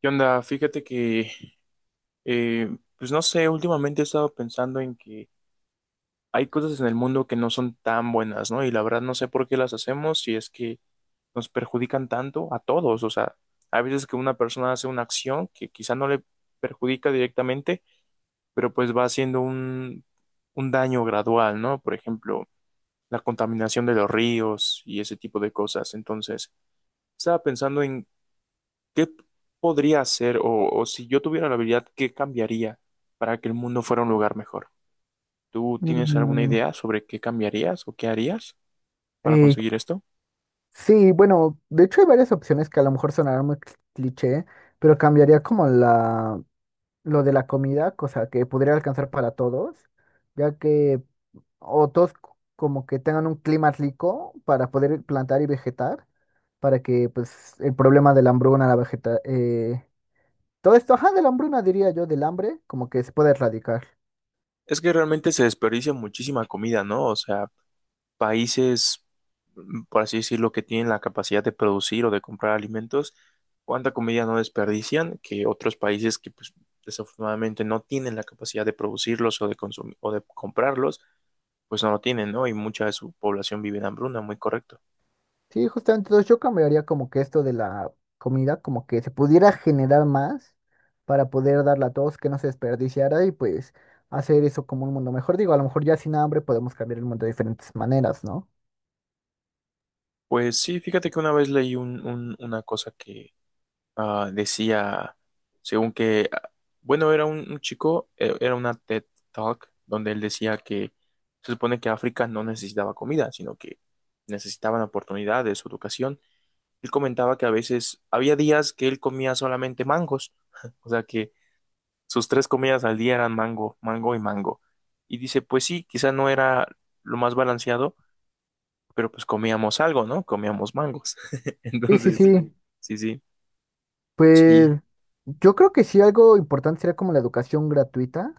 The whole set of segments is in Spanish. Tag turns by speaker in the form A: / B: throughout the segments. A: ¿Qué onda? Fíjate que, pues no sé, últimamente he estado pensando en que hay cosas en el mundo que no son tan buenas, ¿no? Y la verdad no sé por qué las hacemos si es que nos perjudican tanto a todos. O sea, hay veces que una persona hace una acción que quizá no le perjudica directamente, pero pues va haciendo un daño gradual, ¿no? Por ejemplo, la contaminación de los ríos y ese tipo de cosas. Entonces, estaba pensando en ¿qué podría hacer o si yo tuviera la habilidad, qué cambiaría para que el mundo fuera un lugar mejor? ¿Tú tienes alguna
B: Mm,
A: idea sobre qué cambiarías o qué harías para
B: eh,
A: conseguir esto?
B: sí, bueno, de hecho hay varias opciones que a lo mejor sonarán muy cliché, pero cambiaría como lo de la comida, cosa que podría alcanzar para todos, ya que o todos c- como que tengan un clima rico para poder plantar y vegetar, para que pues el problema de la hambruna, todo esto, ajá, de la hambruna diría yo, del hambre, como que se puede erradicar.
A: Es que realmente se desperdicia muchísima comida, ¿no? O sea, países, por así decirlo, que tienen la capacidad de producir o de comprar alimentos, ¿cuánta comida no desperdician que otros países que pues, desafortunadamente no tienen la capacidad de producirlos o de consumir o de comprarlos, pues no lo tienen, ¿no? Y mucha de su población vive en hambruna, muy correcto.
B: Sí, justamente, entonces yo cambiaría como que esto de la comida, como que se pudiera generar más para poder darla a todos, que no se desperdiciara y pues hacer eso como un mundo mejor. Digo, a lo mejor ya sin hambre podemos cambiar el mundo de diferentes maneras, ¿no?
A: Pues sí, fíjate que una vez leí un, una cosa que decía, según que, bueno, era un chico, era una TED Talk, donde él decía que se supone que África no necesitaba comida, sino que necesitaban oportunidades, educación. Él comentaba que a veces había días que él comía solamente mangos, o sea que sus tres comidas al día eran mango, mango y mango. Y dice, pues sí, quizá no era lo más balanceado pero pues comíamos algo, ¿no? Comíamos mangos.
B: Sí, sí,
A: Entonces,
B: sí.
A: sí, sí,
B: Pues
A: sí.
B: yo creo que sí algo importante sería como la educación gratuita.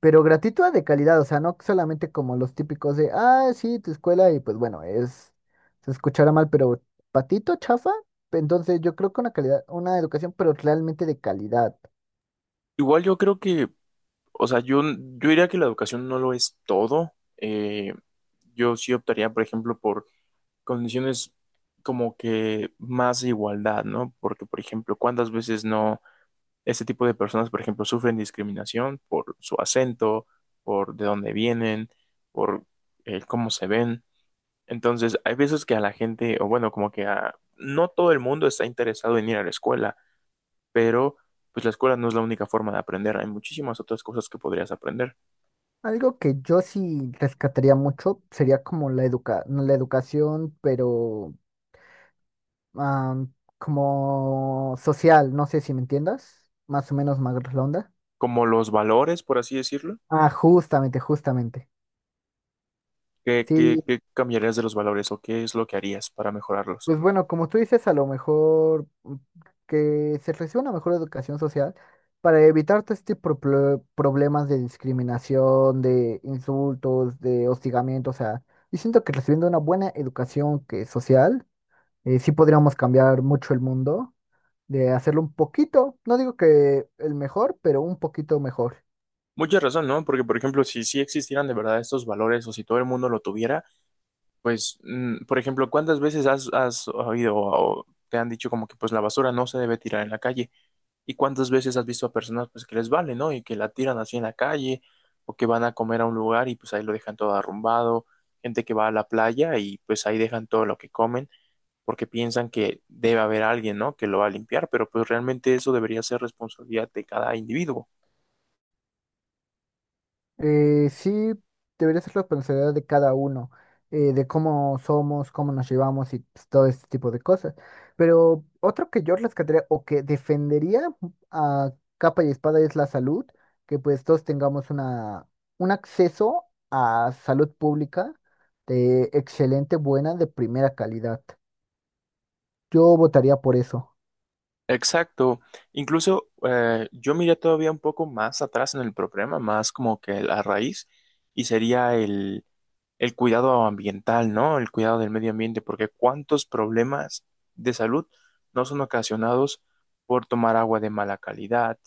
B: Pero gratuita de calidad, o sea, no solamente como los típicos de, ah, sí, tu escuela, y pues bueno, es, se escuchará mal, pero patito, chafa. Entonces yo creo que una calidad, una educación, pero realmente de calidad.
A: Igual yo creo que, o sea, yo diría que la educación no lo es todo. Yo sí optaría, por ejemplo, por condiciones como que más de igualdad, ¿no? Porque, por ejemplo, ¿cuántas veces no este tipo de personas, por ejemplo, sufren discriminación por su acento, por de dónde vienen, por cómo se ven? Entonces, hay veces que a la gente, o bueno, como que a, no todo el mundo está interesado en ir a la escuela, pero pues la escuela no es la única forma de aprender, hay muchísimas otras cosas que podrías aprender,
B: Algo que yo sí rescataría mucho sería como la educa, no, la educación, pero am, como social, no sé si me entiendas, más o menos más redonda.
A: como los valores, por así decirlo.
B: Ah, justamente, justamente.
A: ¿Qué, qué,
B: Sí,
A: qué cambiarías de los valores o qué es lo que harías para mejorarlos?
B: pues bueno, como tú dices, a lo mejor que se reciba una mejor educación social para evitar todo este problemas de discriminación, de insultos, de hostigamiento, o sea, yo siento que recibiendo una buena educación que social, sí podríamos cambiar mucho el mundo, de hacerlo un poquito, no digo que el mejor, pero un poquito mejor.
A: Mucha razón, ¿no? Porque, por ejemplo, si sí existieran de verdad estos valores o si todo el mundo lo tuviera, pues, por ejemplo, ¿cuántas veces has oído o te han dicho como que pues la basura no se debe tirar en la calle? ¿Y cuántas veces has visto a personas pues que les vale, ¿no? Y que la tiran así en la calle o que van a comer a un lugar y pues ahí lo dejan todo arrumbado, gente que va a la playa y pues ahí dejan todo lo que comen porque piensan que debe haber alguien, ¿no? Que lo va a limpiar, pero pues realmente eso debería ser responsabilidad de cada individuo.
B: Sí, debería ser responsabilidad de cada uno, de cómo somos, cómo nos llevamos y pues, todo este tipo de cosas. Pero otro que yo rescataría o que defendería a capa y espada es la salud, que pues todos tengamos un acceso a salud pública de excelente, buena, de primera calidad. Yo votaría por eso.
A: Exacto. Incluso yo miré todavía un poco más atrás en el problema, más como que la raíz, y sería el cuidado ambiental, ¿no? El cuidado del medio ambiente, porque cuántos problemas de salud no son ocasionados por tomar agua de mala calidad,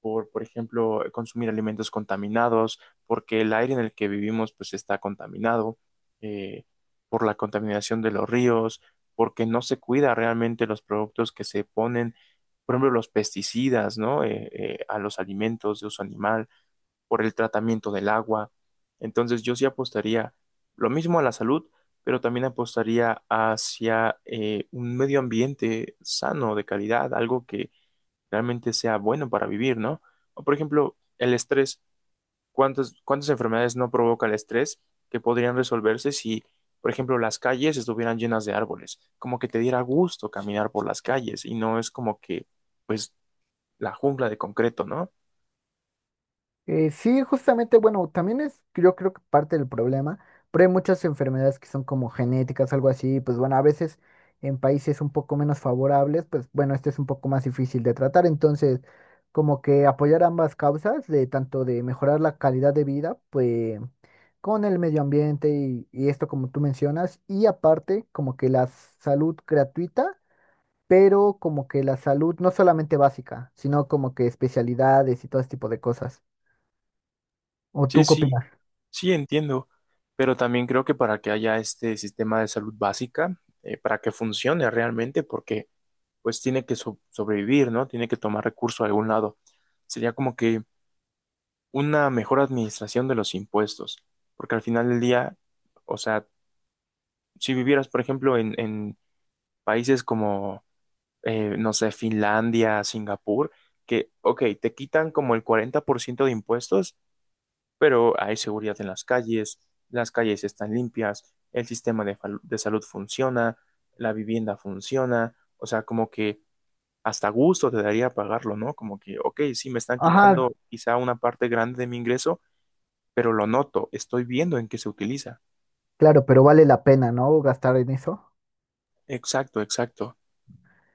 A: por ejemplo, consumir alimentos contaminados, porque el aire en el que vivimos pues está contaminado, eh, por la contaminación de los ríos, porque no se cuida realmente los productos que se ponen, por ejemplo, los pesticidas, ¿no? A los alimentos de uso animal por el tratamiento del agua. Entonces yo sí apostaría lo mismo a la salud, pero también apostaría hacia un medio ambiente sano, de calidad, algo que realmente sea bueno para vivir, ¿no? O por ejemplo, el estrés. ¿Cuántas enfermedades no provoca el estrés que podrían resolverse si, por ejemplo, las calles estuvieran llenas de árboles? Como que te diera gusto caminar por las calles y no es como que, pues, la jungla de concreto, ¿no?
B: Sí, justamente, bueno, también es, yo creo que parte del problema, pero hay muchas enfermedades que son como genéticas, algo así, pues bueno, a veces en países un poco menos favorables, pues bueno, este es un poco más difícil de tratar, entonces como que apoyar ambas causas, de tanto de mejorar la calidad de vida, pues con el medio ambiente y esto como tú mencionas, y aparte como que la salud gratuita, pero como que la salud no solamente básica, sino como que especialidades y todo este tipo de cosas. ¿O
A: Sí,
B: tú qué
A: sí,
B: opinas?
A: sí, entiendo, pero también creo que para que haya este sistema de salud básica, para que funcione realmente, porque pues tiene que sobrevivir, ¿no? Tiene que tomar recursos de algún lado. Sería como que una mejor administración de los impuestos, porque al final del día, o sea, si vivieras, por ejemplo, en países como, no sé, Finlandia, Singapur, que, ok, te quitan como el 40% de impuestos pero hay seguridad en las calles están limpias, el sistema de salud funciona, la vivienda funciona, o sea, como que hasta gusto te daría pagarlo, ¿no? Como que, ok, sí, me están
B: Ajá,
A: quitando quizá una parte grande de mi ingreso, pero lo noto, estoy viendo en qué se utiliza.
B: claro, pero vale la pena, ¿no? Gastar en eso.
A: Exacto, exacto.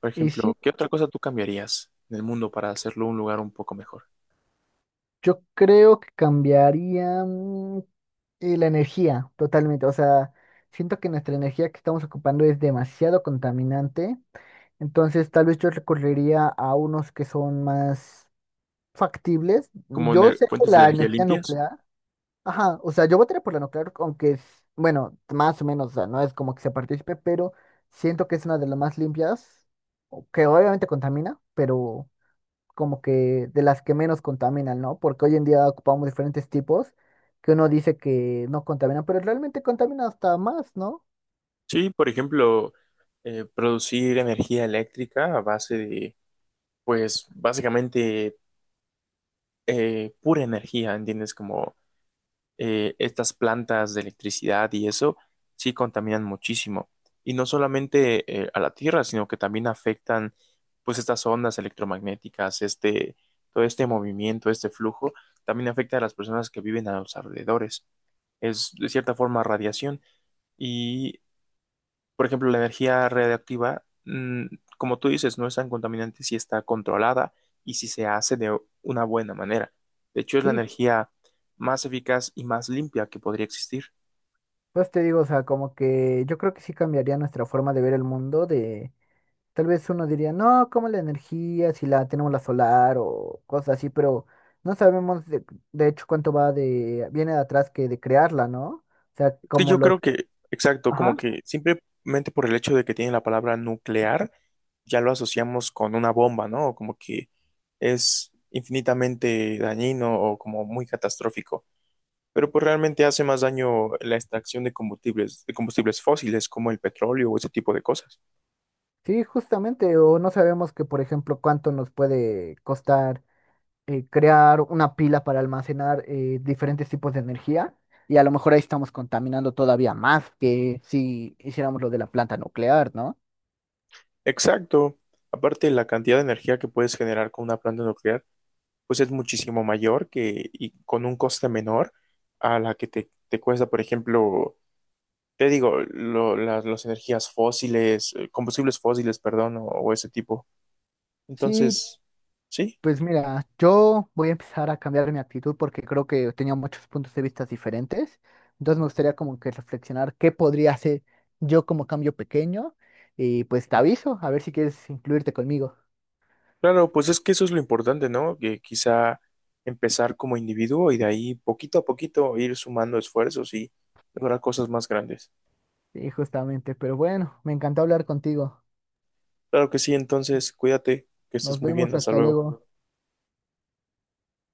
A: Por
B: Y sí,
A: ejemplo, ¿qué otra cosa tú cambiarías en el mundo para hacerlo un lugar un poco mejor?
B: yo creo que cambiaría la energía totalmente. O sea, siento que nuestra energía que estamos ocupando es demasiado contaminante. Entonces, tal vez yo recurriría a unos que son más factibles.
A: ¿Como
B: Yo sé que
A: fuentes de
B: la
A: energía
B: energía
A: limpias?
B: nuclear. Ajá, o sea, yo votaré por la nuclear, aunque es, bueno, más o menos, o sea, no es como que se participe, pero siento que es una de las más limpias, o que obviamente contamina, pero como que de las que menos contaminan, ¿no? Porque hoy en día ocupamos diferentes tipos que uno dice que no contaminan, pero realmente contamina hasta más, ¿no?
A: Sí, por ejemplo, producir energía eléctrica a base de pues básicamente pura energía, ¿entiendes? Como estas plantas de electricidad y eso sí contaminan muchísimo. Y no solamente a la Tierra, sino que también afectan pues estas ondas electromagnéticas, este, todo este movimiento, este flujo, también afecta a las personas que viven a los alrededores. Es de cierta forma radiación y por ejemplo, la energía radiactiva, como tú dices, no es tan contaminante si está controlada y si se hace de una buena manera. De hecho, es la
B: Sí,
A: energía más eficaz y más limpia que podría existir.
B: pues te digo, o sea, como que yo creo que sí cambiaría nuestra forma de ver el mundo, de tal vez uno diría, no, como la energía, si la tenemos la solar o cosas así, pero no sabemos de hecho cuánto viene de atrás que de crearla, ¿no? O sea,
A: Que
B: como
A: yo
B: los,
A: creo que, exacto, como
B: ajá,
A: que simplemente por el hecho de que tiene la palabra nuclear, ya lo asociamos con una bomba, ¿no? Como que es infinitamente dañino o como muy catastrófico. Pero pues realmente hace más daño la extracción de combustibles fósiles como el petróleo o ese tipo de cosas.
B: sí, justamente, o no sabemos que, por ejemplo, cuánto nos puede costar crear una pila para almacenar diferentes tipos de energía, y a lo mejor ahí estamos contaminando todavía más que si hiciéramos lo de la planta nuclear, ¿no?
A: Exacto. Aparte, la cantidad de energía que puedes generar con una planta nuclear, pues es muchísimo mayor que y con un coste menor a la que te cuesta, por ejemplo, te digo, las energías fósiles, combustibles fósiles, perdón, o ese tipo.
B: Sí,
A: Entonces, sí.
B: pues mira, yo voy a empezar a cambiar mi actitud porque creo que tenía muchos puntos de vista diferentes. Entonces me gustaría como que reflexionar qué podría hacer yo como cambio pequeño y pues te aviso a ver si quieres incluirte conmigo.
A: Claro, pues es que eso es lo importante, ¿no? Que quizá empezar como individuo y de ahí poquito a poquito ir sumando esfuerzos y lograr cosas más grandes.
B: Sí, justamente, pero bueno, me encantó hablar contigo.
A: Claro que sí, entonces cuídate, que
B: Nos
A: estés muy bien,
B: vemos,
A: hasta
B: hasta
A: luego.
B: luego.